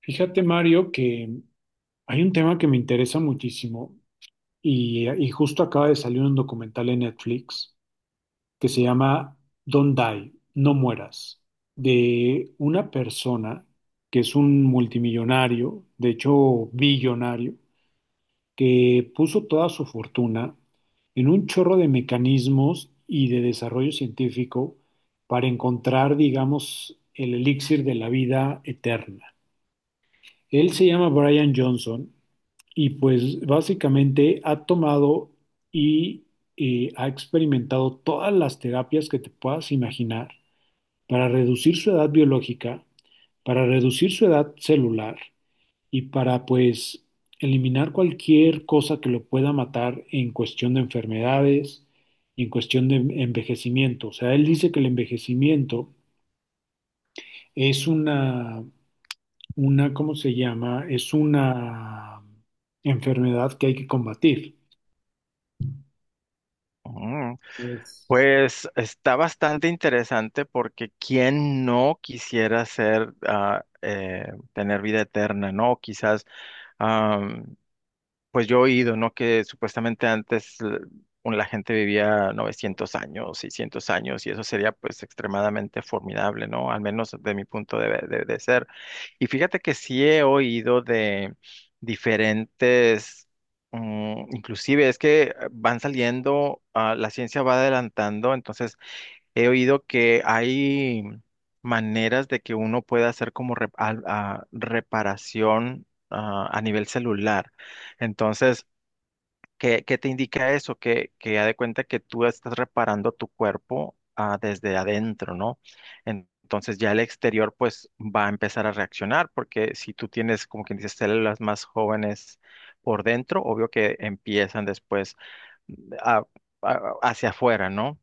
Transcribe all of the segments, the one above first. Fíjate, Mario, que hay un tema que me interesa muchísimo y justo acaba de salir un documental en Netflix que se llama Don't Die, No Mueras, de una persona que es un multimillonario, de hecho billonario, que puso toda su fortuna en un chorro de mecanismos y de desarrollo científico para encontrar, digamos, el elixir de la vida eterna. Él se llama Brian Johnson y pues básicamente ha tomado y ha experimentado todas las terapias que te puedas imaginar para reducir su edad biológica, para reducir su edad celular y para pues eliminar cualquier cosa que lo pueda matar en cuestión de enfermedades y en cuestión de envejecimiento. O sea, él dice que el envejecimiento es una, ¿cómo se llama? Es una enfermedad que hay que combatir. Mm. Pues, Pues está bastante interesante porque quién no quisiera tener vida eterna, ¿no? Quizás, pues yo he oído, ¿no? Que supuestamente antes la gente vivía 900 años, 600 años, y eso sería pues extremadamente formidable, ¿no? Al menos de mi punto de ser. Y fíjate que sí he oído de diferentes, inclusive es que van saliendo, la ciencia va adelantando. Entonces, he oído que hay maneras de que uno pueda hacer como reparación a nivel celular. Entonces, ¿qué te indica eso? Que haz de cuenta que tú estás reparando tu cuerpo desde adentro, ¿no? Entonces ya el exterior pues va a empezar a reaccionar porque si tú tienes, como quien dice, células más jóvenes por dentro, obvio que empiezan después mm, a- hacia afuera, ¿no?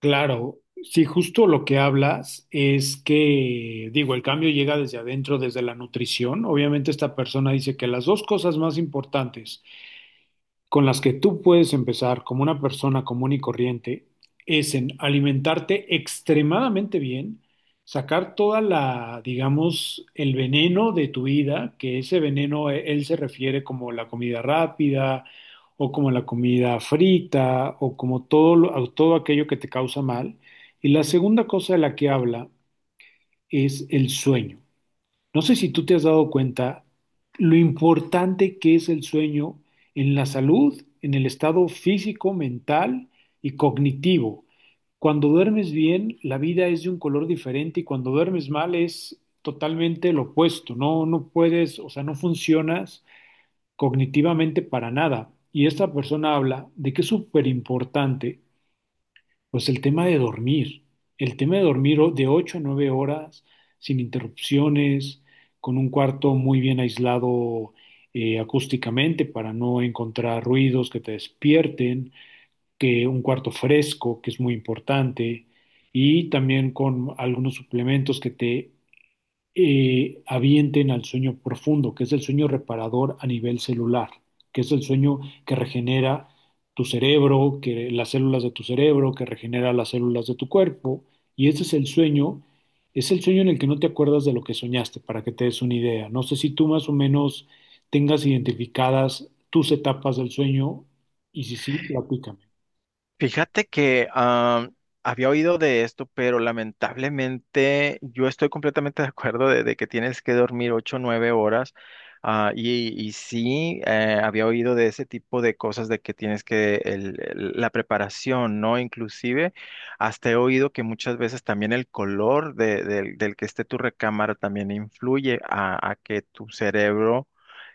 claro, sí, justo lo que hablas es que, digo, el cambio llega desde adentro, desde la nutrición. Obviamente esta persona dice que las dos cosas más importantes con las que tú puedes empezar como una persona común y corriente es en alimentarte extremadamente bien, sacar toda la, digamos, el veneno de tu vida, que ese veneno él se refiere como la comida rápida o como la comida frita o como todo, todo aquello que te causa mal. Y la segunda cosa de la que habla es el sueño. No sé si tú te has dado cuenta lo importante que es el sueño en la salud, en el estado físico, mental y cognitivo. Cuando duermes bien, la vida es de un color diferente y cuando duermes mal es totalmente lo opuesto. No, no puedes, o sea, no funcionas cognitivamente para nada. Y esta persona habla de que es súper importante pues el tema de dormir, el tema de dormir de 8 a 9 horas sin interrupciones, con un cuarto muy bien aislado acústicamente para no encontrar ruidos que te despierten, que un cuarto fresco, que es muy importante, y también con algunos suplementos que te avienten al sueño profundo, que es el sueño reparador a nivel celular, que es el sueño que regenera tu cerebro, que las células de tu cerebro, que regenera las células de tu cuerpo, y ese es el sueño en el que no te acuerdas de lo que soñaste, para que te des una idea. No sé si tú más o menos tengas identificadas tus etapas del sueño, y si sí, platícame. Fíjate que había oído de esto, pero lamentablemente yo estoy completamente de acuerdo de que tienes que dormir 8 o 9 horas. Y sí, había oído de ese tipo de cosas de que tienes que la preparación, ¿no? Inclusive hasta he oído que muchas veces también el color del que esté tu recámara también influye a que tu cerebro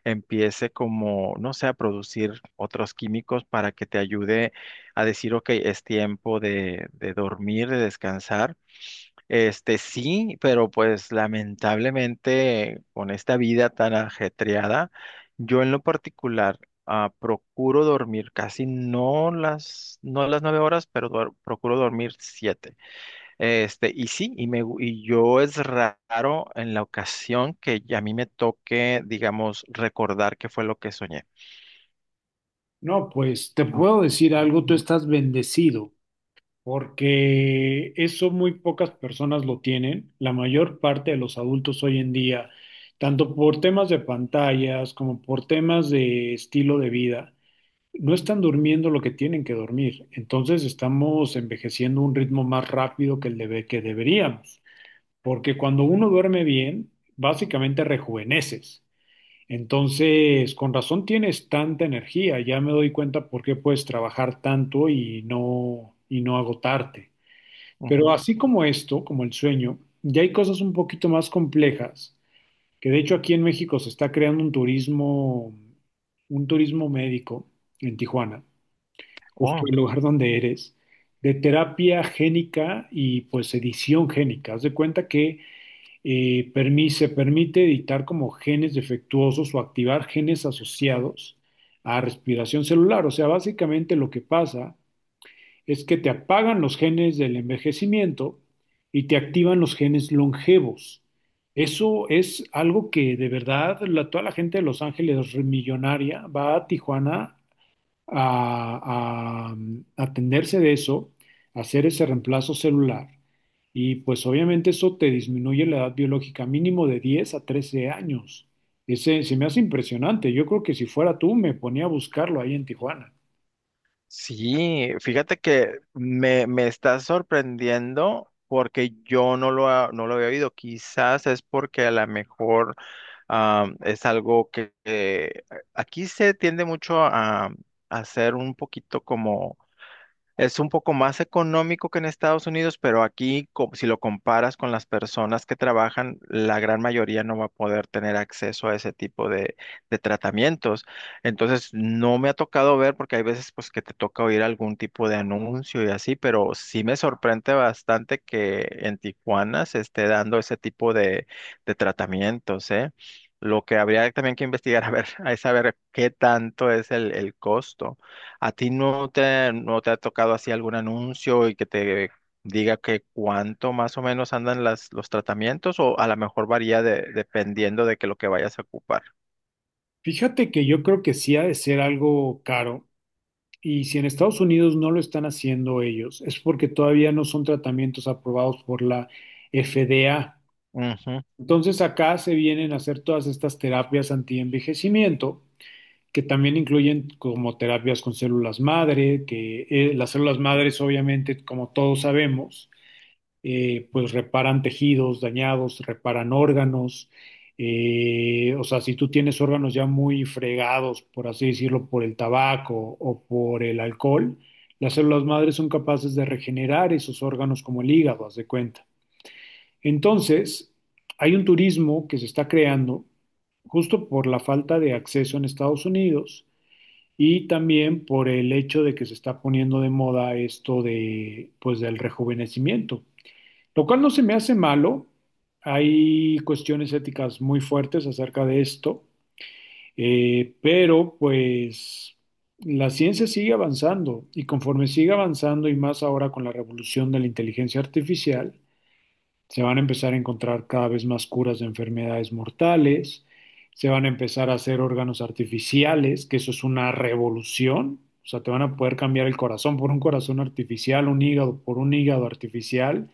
empiece como, no sé, a producir otros químicos para que te ayude a decir, ok, es tiempo de dormir, de descansar. Este sí, pero pues lamentablemente con esta vida tan ajetreada, yo en lo particular procuro dormir casi no las 9 horas, pero procuro dormir siete. Este, y sí, y yo es raro en la ocasión que ya a mí me toque, digamos, recordar qué fue lo que soñé. No, pues te puedo decir algo, tú estás bendecido, porque eso muy pocas personas lo tienen. La mayor parte de los adultos hoy en día, tanto por temas de pantallas como por temas de estilo de vida, no están durmiendo lo que tienen que dormir. Entonces estamos envejeciendo a un ritmo más rápido que deberíamos, porque cuando uno duerme bien, básicamente rejuveneces. Entonces, con razón tienes tanta energía, ya me doy cuenta por qué puedes trabajar tanto y no agotarte. Pero Ujú. así como esto, como el sueño, ya hay cosas un poquito más complejas, que de hecho aquí en México se está creando un turismo médico en Tijuana, justo el lugar donde eres, de terapia génica y pues edición génica. Haz de cuenta que se permite editar como genes defectuosos o activar genes asociados a respiración celular. O sea, básicamente lo que pasa es que te apagan los genes del envejecimiento y te activan los genes longevos. Eso es algo que de verdad toda la gente de Los Ángeles millonaria va a Tijuana a atenderse de eso, a hacer ese reemplazo celular. Y pues obviamente eso te disminuye la edad biológica mínimo de 10 a 13 años. Ese se me hace impresionante. Yo creo que si fuera tú me ponía a buscarlo ahí en Tijuana. Sí, fíjate que me está sorprendiendo porque yo no lo había oído. Quizás es porque a lo mejor es algo que aquí se tiende mucho a ser un poquito como es un poco más económico que en Estados Unidos, pero aquí, si lo comparas con las personas que trabajan, la gran mayoría no va a poder tener acceso a ese tipo de tratamientos. Entonces, no me ha tocado ver, porque hay veces pues que te toca oír algún tipo de anuncio y así, pero sí me sorprende bastante que en Tijuana se esté dando ese tipo de tratamientos, ¿eh? Lo que habría también que investigar, a ver, es saber qué tanto es el costo. ¿A ti no te ha tocado así algún anuncio y que te diga que cuánto más o menos andan las, los tratamientos, o a lo mejor varía dependiendo de que lo que vayas a ocupar? Fíjate que yo creo que sí ha de ser algo caro y si en Estados Unidos no lo están haciendo ellos, es porque todavía no son tratamientos aprobados por la FDA. Ujú. Entonces acá se vienen a hacer todas estas terapias antienvejecimiento que también incluyen como terapias con células madre, que las células madres obviamente, como todos sabemos, pues reparan tejidos dañados, reparan órganos. O sea, si tú tienes órganos ya muy fregados, por así decirlo, por el tabaco o por el alcohol, las células madres son capaces de regenerar esos órganos como el hígado, haz de cuenta. Entonces, hay un turismo que se está creando justo por la falta de acceso en Estados Unidos y también por el hecho de que se está poniendo de moda esto de, pues, del rejuvenecimiento. Lo cual no se me hace malo. Hay cuestiones éticas muy fuertes acerca de esto, pero pues la ciencia sigue avanzando y conforme sigue avanzando y más ahora con la revolución de la inteligencia artificial, se van a empezar a encontrar cada vez más curas de enfermedades mortales, se van a empezar a hacer órganos artificiales, que eso es una revolución. O sea, te van a poder cambiar el corazón por un corazón artificial, un hígado por un hígado artificial.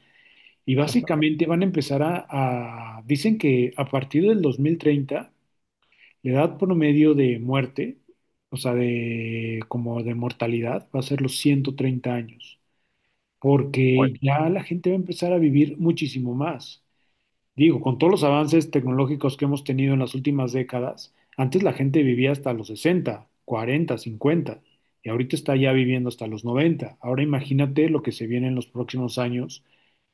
Y Ujú. básicamente van a empezar a, dicen que a partir del 2030 la edad promedio de muerte, o sea, de como de mortalidad, va a ser los 130 años, porque ya la gente va a empezar a vivir muchísimo más. Digo, con todos los avances tecnológicos que hemos tenido en las últimas décadas, antes la gente vivía hasta los 60, 40, 50, y ahorita está ya viviendo hasta los 90. Ahora imagínate lo que se viene en los próximos años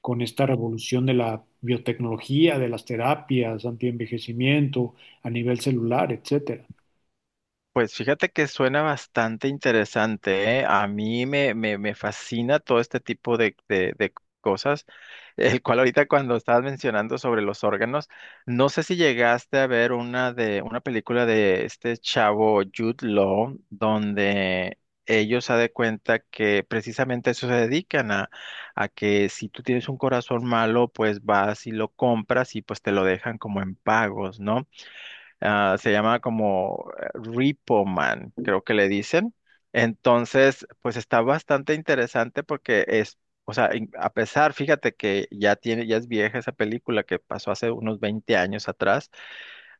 con esta revolución de la biotecnología, de las terapias, antienvejecimiento, a nivel celular, etcétera. Pues fíjate que suena bastante interesante, ¿eh? A mí me fascina todo este tipo de cosas, el cual ahorita cuando estabas mencionando sobre los órganos, no sé si llegaste a ver una película de este chavo Jude Law, donde ellos se de cuenta que precisamente a eso se dedican a que si tú tienes un corazón malo, pues vas y lo compras y pues te lo dejan como en pagos, ¿no? Se llama como Repo Man, creo que le dicen. Entonces, pues está bastante interesante porque es, o sea, a pesar, fíjate que ya tiene, ya es vieja esa película que pasó hace unos 20 años atrás,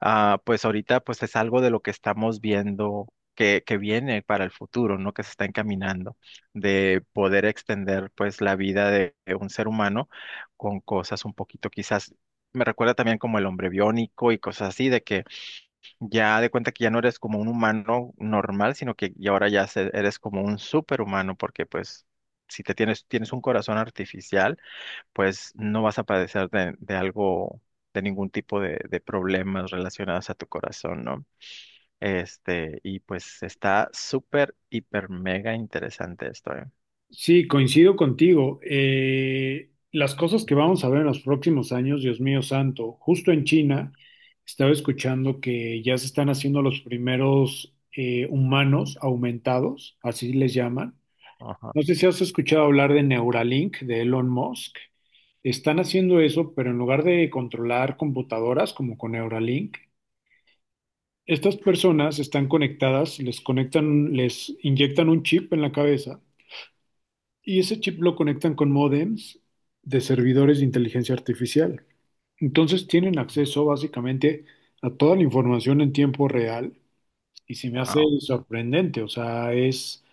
pues ahorita pues es algo de lo que estamos viendo que viene para el futuro, ¿no? Que se está encaminando de poder extender pues la vida de un ser humano con cosas un poquito quizás, me recuerda también como el hombre biónico y cosas así, de que ya de cuenta que ya no eres como un humano normal, sino que y ahora ya eres como un superhumano, porque pues si tienes un corazón artificial, pues no vas a padecer de algo, de ningún tipo de problemas relacionados a tu corazón, ¿no? Este, y pues está súper, hiper, mega interesante esto, ¿eh? Sí, coincido contigo. Las cosas que vamos a ver en los próximos años, Dios mío santo, justo en China, estaba escuchando que ya se están haciendo los primeros humanos aumentados, así les llaman. Ajá. No sé si has escuchado hablar de Neuralink, de Elon Musk. Están haciendo eso, pero en lugar de controlar computadoras como con Neuralink, estas personas están conectadas, les conectan, les inyectan un chip en la cabeza y ese chip lo conectan con modems de servidores de inteligencia artificial. Entonces tienen acceso básicamente a toda la información en tiempo real y se me hace Wow. sorprendente, o sea, es,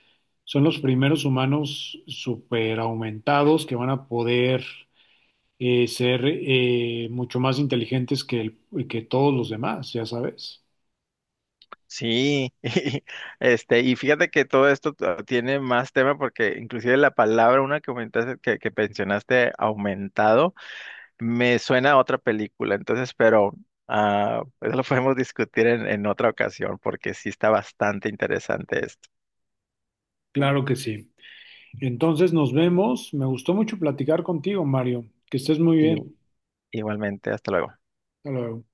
son los primeros humanos super aumentados que van a poder ser mucho más inteligentes que todos los demás, ya sabes. Sí, y fíjate que todo esto tiene más tema porque inclusive la palabra, una que comentaste, que mencionaste, aumentado, me suena a otra película, entonces, pero eso lo podemos discutir en otra ocasión porque sí está bastante interesante esto. Claro que sí. Entonces nos vemos. Me gustó mucho platicar contigo, Mario. Que estés muy Y, bien. igualmente, hasta luego. Hasta luego.